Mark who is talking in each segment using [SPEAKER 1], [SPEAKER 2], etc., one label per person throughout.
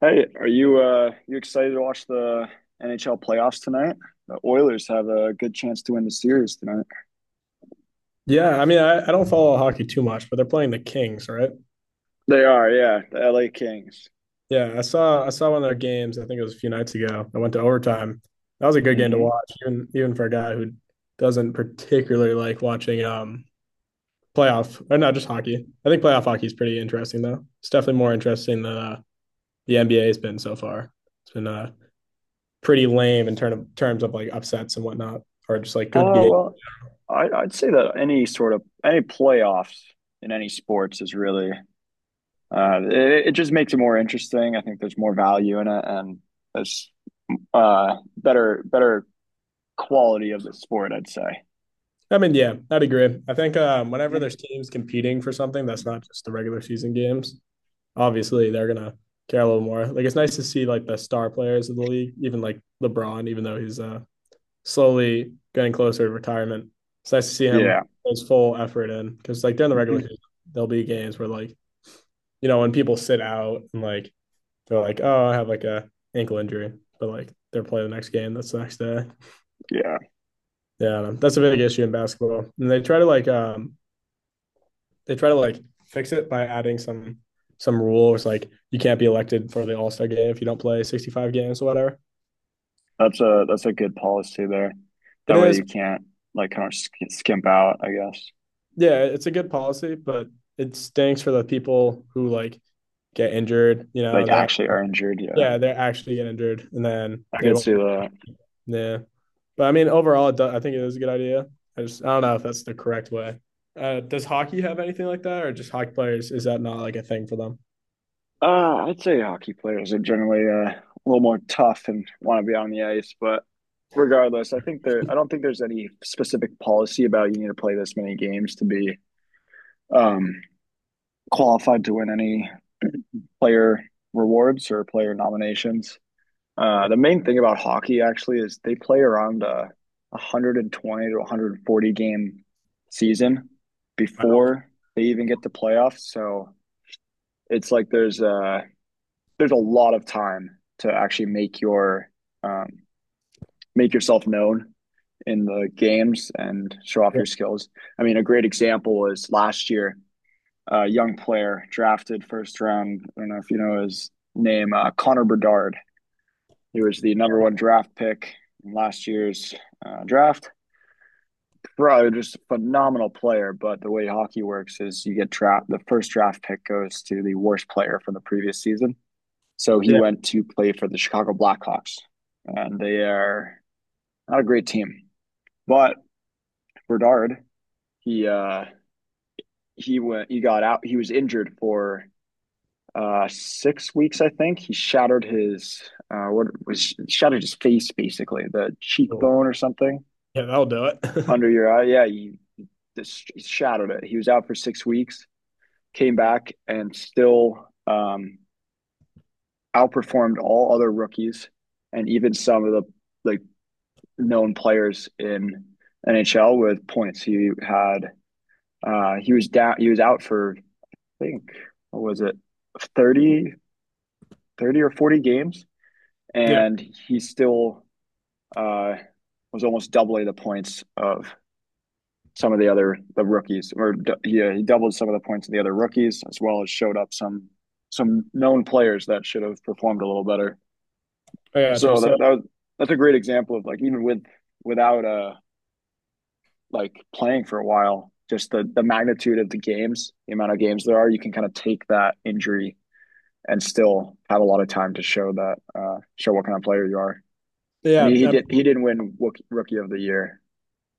[SPEAKER 1] Hey, are you excited to watch the NHL playoffs tonight? The Oilers have a good chance to win the series tonight.
[SPEAKER 2] Yeah, I mean, I don't follow hockey too much, but they're playing the Kings, right?
[SPEAKER 1] They are, yeah, the LA Kings.
[SPEAKER 2] Yeah, I saw one of their games. I think it was a few nights ago. I went to overtime. That was a good game to
[SPEAKER 1] Mm-hmm.
[SPEAKER 2] watch, even for a guy who doesn't particularly like watching playoff or not just hockey. I think playoff hockey is pretty interesting though. It's definitely more interesting than the NBA has been so far. It's been pretty lame in terms of like upsets and whatnot, or just like good
[SPEAKER 1] Oh,
[SPEAKER 2] games.
[SPEAKER 1] well, I'd say that any sort of any playoffs in any sports is really it, it just makes it more interesting. I think there's more value in it, and there's uh, better quality of the sport, I'd say.
[SPEAKER 2] I mean, yeah, I'd agree. I think whenever
[SPEAKER 1] Yeah.
[SPEAKER 2] there's teams competing for something that's not just the regular season games, obviously they're gonna care a little more. Like it's nice to see like the star players of the league, even like LeBron, even though he's slowly getting closer to retirement. It's nice to see him
[SPEAKER 1] Yeah.
[SPEAKER 2] put his full effort in because like during the regular
[SPEAKER 1] Hmm.
[SPEAKER 2] season, there'll be games where like you know when people sit out and like they're like, oh, I have like a ankle injury, but like they're playing the next game. That's the next day.
[SPEAKER 1] Yeah.
[SPEAKER 2] Yeah, that's a big issue in basketball, and they try to like fix it by adding some rule. Where It's like you can't be elected for the All Star game if you don't play 65 games or whatever.
[SPEAKER 1] That's a good policy there.
[SPEAKER 2] It
[SPEAKER 1] That way
[SPEAKER 2] is,
[SPEAKER 1] you can't skimp out, I guess.
[SPEAKER 2] yeah, it's a good policy, but it stinks for the people who like get injured, you know,
[SPEAKER 1] Like,
[SPEAKER 2] and they have,
[SPEAKER 1] actually are injured. Yeah,
[SPEAKER 2] yeah, they're actually get injured and then
[SPEAKER 1] I
[SPEAKER 2] they
[SPEAKER 1] could
[SPEAKER 2] won't,
[SPEAKER 1] see that.
[SPEAKER 2] yeah. But I mean, overall, I think it is a good idea. I don't know if that's the correct way. Does hockey have anything like that or just hockey players? Is that not like a thing for them?
[SPEAKER 1] I'd say hockey players are generally a little more tough and want to be on the ice, but regardless, I don't think there's any specific policy about you need to play this many games to be um, qualified to win any player rewards or player nominations.
[SPEAKER 2] Yeah.
[SPEAKER 1] The main thing about hockey actually is they play around a 120 to 140 game season
[SPEAKER 2] Wow.
[SPEAKER 1] before they even get to playoffs. So it's like there's a lot of time to actually make your um, make yourself known in the games and show off
[SPEAKER 2] Yeah.
[SPEAKER 1] your skills. I mean, a great example is last year, a young player drafted first round. I don't know if you know his name, Connor Bedard. He was the number one draft pick in last year's draft. Probably just a phenomenal player, but the way hockey works is you get trapped. The first draft pick goes to the worst player from the previous season. So he
[SPEAKER 2] Yeah.
[SPEAKER 1] went to play for the Chicago Blackhawks, and they are not a great team. But Bernard, he he went. He got out. He was injured for 6 weeks, I think. He shattered his what was shattered his face, basically the
[SPEAKER 2] Cool.
[SPEAKER 1] cheekbone or something.
[SPEAKER 2] Yeah, that'll do it.
[SPEAKER 1] Under your eye, yeah, he just shadowed it. He was out for 6 weeks, came back, and still outperformed all other rookies and even some of the like known players in NHL with points. He had he was down. He was out for I think what was it 30 30 or 40 games,
[SPEAKER 2] Yeah,
[SPEAKER 1] and he still uh, was almost doubling the points of some of the other the rookies, or yeah, he doubled some of the points of the other rookies, as well as showed up some known players that should have performed a little better.
[SPEAKER 2] I got you.
[SPEAKER 1] So
[SPEAKER 2] So
[SPEAKER 1] that that was, that's a great example of like even without playing for a while. Just the magnitude of the games, the amount of games there are, you can kind of take that injury and still have a lot of time to show what kind of player you are. And
[SPEAKER 2] yeah, I
[SPEAKER 1] he, he
[SPEAKER 2] mean,
[SPEAKER 1] did he didn't win Rookie of the Year.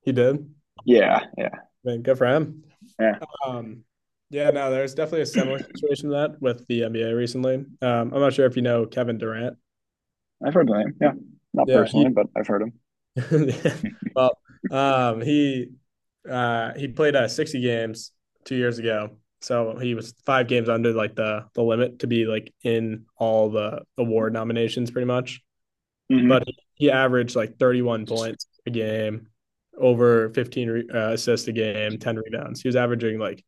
[SPEAKER 2] he did.
[SPEAKER 1] Yeah, yeah,
[SPEAKER 2] I mean, good for him.
[SPEAKER 1] yeah.
[SPEAKER 2] Um, yeah, no, there's definitely a similar situation to that with the NBA recently. I'm not sure if you know Kevin Durant.
[SPEAKER 1] I've heard the name. Yeah, not
[SPEAKER 2] Yeah,
[SPEAKER 1] personally,
[SPEAKER 2] he
[SPEAKER 1] but I've heard him.
[SPEAKER 2] well, um, he he played 60 games 2 years ago, so he was five games under like the limit to be like in all the award nominations, pretty much. But
[SPEAKER 1] Mm-hmm.
[SPEAKER 2] he averaged like 31 points a game, over 15 assists a game, 10 rebounds. He was averaging like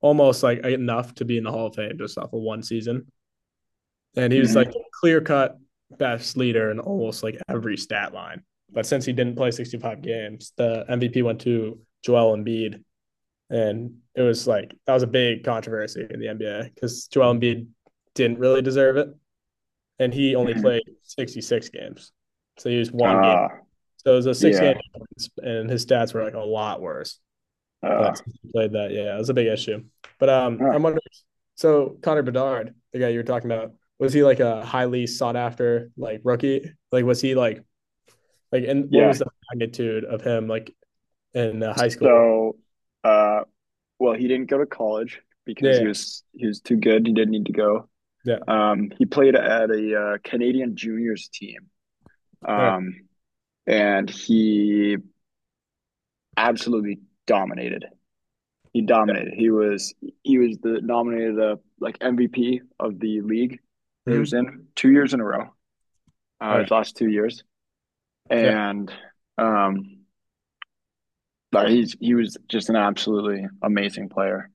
[SPEAKER 2] almost like enough to be in the Hall of Fame just off of one season. And he was like
[SPEAKER 1] Mm-hmm.
[SPEAKER 2] clear cut best leader in almost like every stat line. But since he didn't play 65 games, the MVP went to Joel Embiid. And it was like, that was a big controversy in the NBA because Joel Embiid didn't really deserve it. And he only
[SPEAKER 1] Hmm.
[SPEAKER 2] played 66 games. So he was one game.
[SPEAKER 1] Uh,
[SPEAKER 2] So it was a six game,
[SPEAKER 1] yeah.
[SPEAKER 2] and his stats were like a lot worse.
[SPEAKER 1] Uh,
[SPEAKER 2] But since he played that, yeah, it was a big issue. But
[SPEAKER 1] huh.
[SPEAKER 2] I'm wondering. So Connor Bedard, the guy you were talking about, was he like a highly sought after like rookie? Like, was he like and what
[SPEAKER 1] Yeah.
[SPEAKER 2] was the magnitude of him like in high school?
[SPEAKER 1] So, uh, well, he didn't go to college
[SPEAKER 2] Yeah,
[SPEAKER 1] because he
[SPEAKER 2] yeah,
[SPEAKER 1] was he was too good. He didn't need to go.
[SPEAKER 2] yeah.
[SPEAKER 1] He played at a Canadian juniors team.
[SPEAKER 2] All right.
[SPEAKER 1] Um, and he absolutely dominated. He dominated. He was the nominated the like MVP of the league that he
[SPEAKER 2] Mm-hmm.
[SPEAKER 1] was in 2 years in a row.
[SPEAKER 2] All right.
[SPEAKER 1] His last 2 years.
[SPEAKER 2] Yeah,
[SPEAKER 1] And um. But he was just an absolutely amazing player.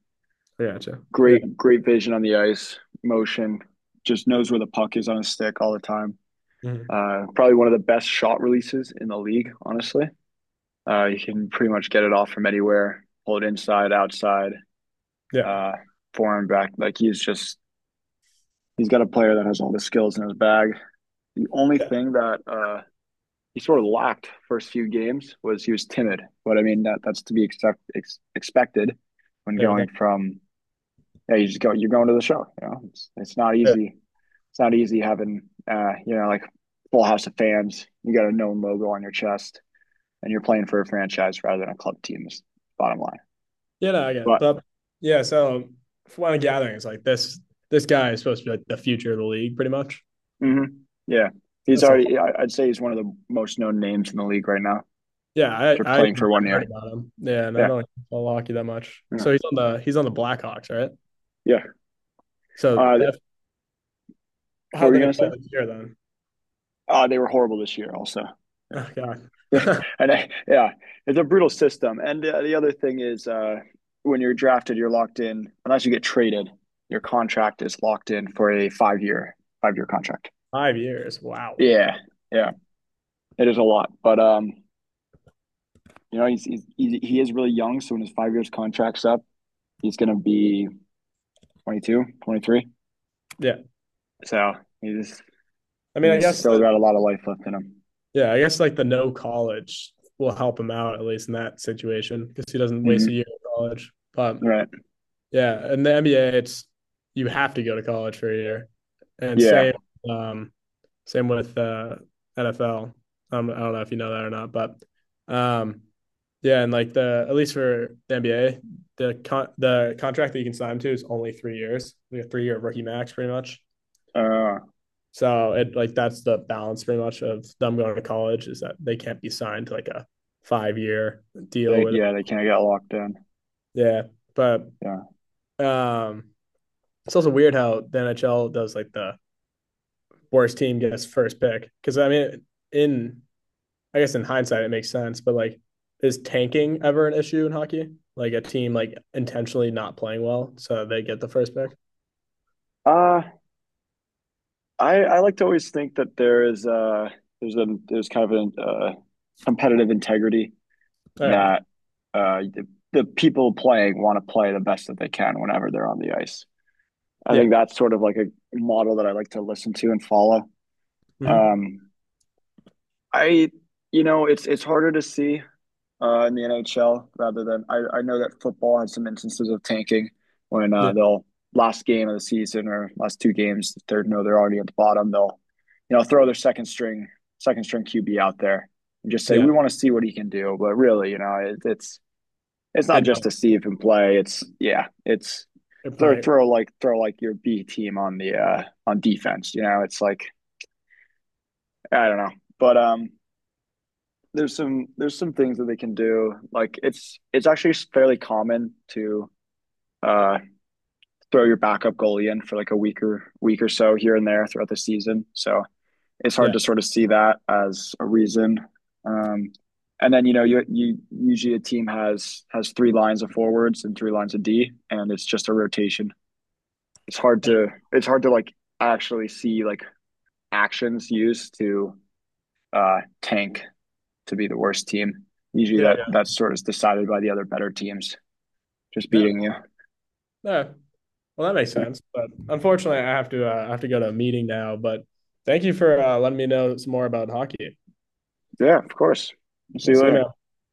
[SPEAKER 2] I gotcha. Yeah.
[SPEAKER 1] Great, great vision on the ice, motion, just knows where the puck is on his stick all the time.
[SPEAKER 2] Mhm.
[SPEAKER 1] Probably one of the best shot releases in the league, honestly. You can pretty much get it off from anywhere, pull it inside, outside,
[SPEAKER 2] Yeah,
[SPEAKER 1] uh, forehand, back. Like he's got a player that has all the skills in his bag. The only
[SPEAKER 2] yeah,
[SPEAKER 1] thing that he sort of lacked first few games was he was timid. But I mean that's to be expected when
[SPEAKER 2] yeah. With
[SPEAKER 1] going
[SPEAKER 2] that,
[SPEAKER 1] from, yeah, you just go, you're going to the show. It's not
[SPEAKER 2] yeah,
[SPEAKER 1] easy. It's not easy having, you know, like, full house of fans. You got a known logo on your chest, and you're playing for a franchise rather than a club team. Is bottom line.
[SPEAKER 2] yeah. No, I get it.
[SPEAKER 1] But
[SPEAKER 2] But yeah, so from what I'm gathering, it's like this guy is supposed to be like the future of the league, pretty much.
[SPEAKER 1] mhm, yeah, he's
[SPEAKER 2] That's all.
[SPEAKER 1] already. I would say he's one of the most known names in the league right now.
[SPEAKER 2] Yeah,
[SPEAKER 1] You're
[SPEAKER 2] I
[SPEAKER 1] playing for
[SPEAKER 2] even
[SPEAKER 1] one
[SPEAKER 2] have heard
[SPEAKER 1] year.
[SPEAKER 2] about him. Yeah, and I
[SPEAKER 1] Yeah,
[SPEAKER 2] don't follow hockey that much.
[SPEAKER 1] yeah,
[SPEAKER 2] So he's on the Blackhawks, right?
[SPEAKER 1] yeah.
[SPEAKER 2] So
[SPEAKER 1] Uh,
[SPEAKER 2] that's
[SPEAKER 1] what
[SPEAKER 2] how
[SPEAKER 1] were
[SPEAKER 2] they
[SPEAKER 1] you gonna
[SPEAKER 2] play
[SPEAKER 1] say?
[SPEAKER 2] this year then.
[SPEAKER 1] They were horrible this year. Also,
[SPEAKER 2] Oh God,
[SPEAKER 1] and yeah, it's a brutal system. And the other thing is, when you're drafted, you're locked in. Unless you get traded, your contract is locked in for a 5 year contract.
[SPEAKER 2] 5 years. Wow.
[SPEAKER 1] Yeah, yeah, it is a lot. But you know, he is really young. So when his 5 years contract's up, he's gonna be 22, 23.
[SPEAKER 2] Yeah.
[SPEAKER 1] So he's
[SPEAKER 2] I mean, I
[SPEAKER 1] he's
[SPEAKER 2] guess
[SPEAKER 1] still
[SPEAKER 2] the
[SPEAKER 1] got a lot of life left in him.
[SPEAKER 2] Yeah, I guess like the no college will help him out at least in that situation because he doesn't waste a
[SPEAKER 1] Mm-hmm.
[SPEAKER 2] year in college. But
[SPEAKER 1] Right.
[SPEAKER 2] yeah, in the NBA, it's you have to go to college for a year, and
[SPEAKER 1] Yeah.
[SPEAKER 2] um, same with NFL. I don't know if you know that or not, but um, yeah, and like the at least for the NBA, the con the contract that you can sign him to is only 3 years, like a 3 year rookie max, pretty much.
[SPEAKER 1] Uh.
[SPEAKER 2] So it like that's the balance pretty much of them going to college is that they can't be signed to like a 5 year deal
[SPEAKER 1] Like,
[SPEAKER 2] with it.
[SPEAKER 1] yeah, they can't get locked in.
[SPEAKER 2] Yeah. But
[SPEAKER 1] Yeah.
[SPEAKER 2] um it's also weird how the NHL does like the worst team gets first pick because I mean in I guess in hindsight it makes sense, but like, is tanking ever an issue in hockey? Like a team like intentionally not playing well so they get the first pick.
[SPEAKER 1] Uh I like to always think that there is there's kind of a competitive integrity,
[SPEAKER 2] All right.
[SPEAKER 1] that uh the, the people playing want to play the best that they can whenever they're on the ice. I
[SPEAKER 2] Yeah.
[SPEAKER 1] think that's sort of like a model that I like to listen to and follow.
[SPEAKER 2] Mm-hmm.
[SPEAKER 1] Um, I you know, it's harder to see in the NHL. Rather than, I know that football has some instances of tanking when
[SPEAKER 2] Yeah.
[SPEAKER 1] they'll last game of the season, or last two games the third, no they're already at the bottom, they'll, you know, throw their second string QB out there and just say
[SPEAKER 2] Yeah.
[SPEAKER 1] we want to see what he can do. But really, you know, it's
[SPEAKER 2] They
[SPEAKER 1] not just
[SPEAKER 2] know.
[SPEAKER 1] to see if him play. It's, yeah, it's
[SPEAKER 2] They're playing.
[SPEAKER 1] throw like your B team on the on defense, you know, it's like, I don't know. But um, there's some things that they can do. Like it's actually fairly common to uh, throw your backup goalie in for like a week or week or so here and there throughout the season. So it's hard
[SPEAKER 2] Yeah.
[SPEAKER 1] to sort of see that as a reason. Um, and then you know you usually a team has three lines of forwards and three lines of D, and it's just a rotation. It's hard to like actually see like actions used to tank to be the worst team. Usually
[SPEAKER 2] Yeah.
[SPEAKER 1] that
[SPEAKER 2] Yeah.
[SPEAKER 1] that's sort of decided by the other better teams just
[SPEAKER 2] Yeah.
[SPEAKER 1] beating you.
[SPEAKER 2] Yeah. Well, that makes sense. But unfortunately, I have to go to a meeting now. But thank you for letting me know some more about hockey.
[SPEAKER 1] Yeah, of course. See you
[SPEAKER 2] See you,
[SPEAKER 1] later.
[SPEAKER 2] man.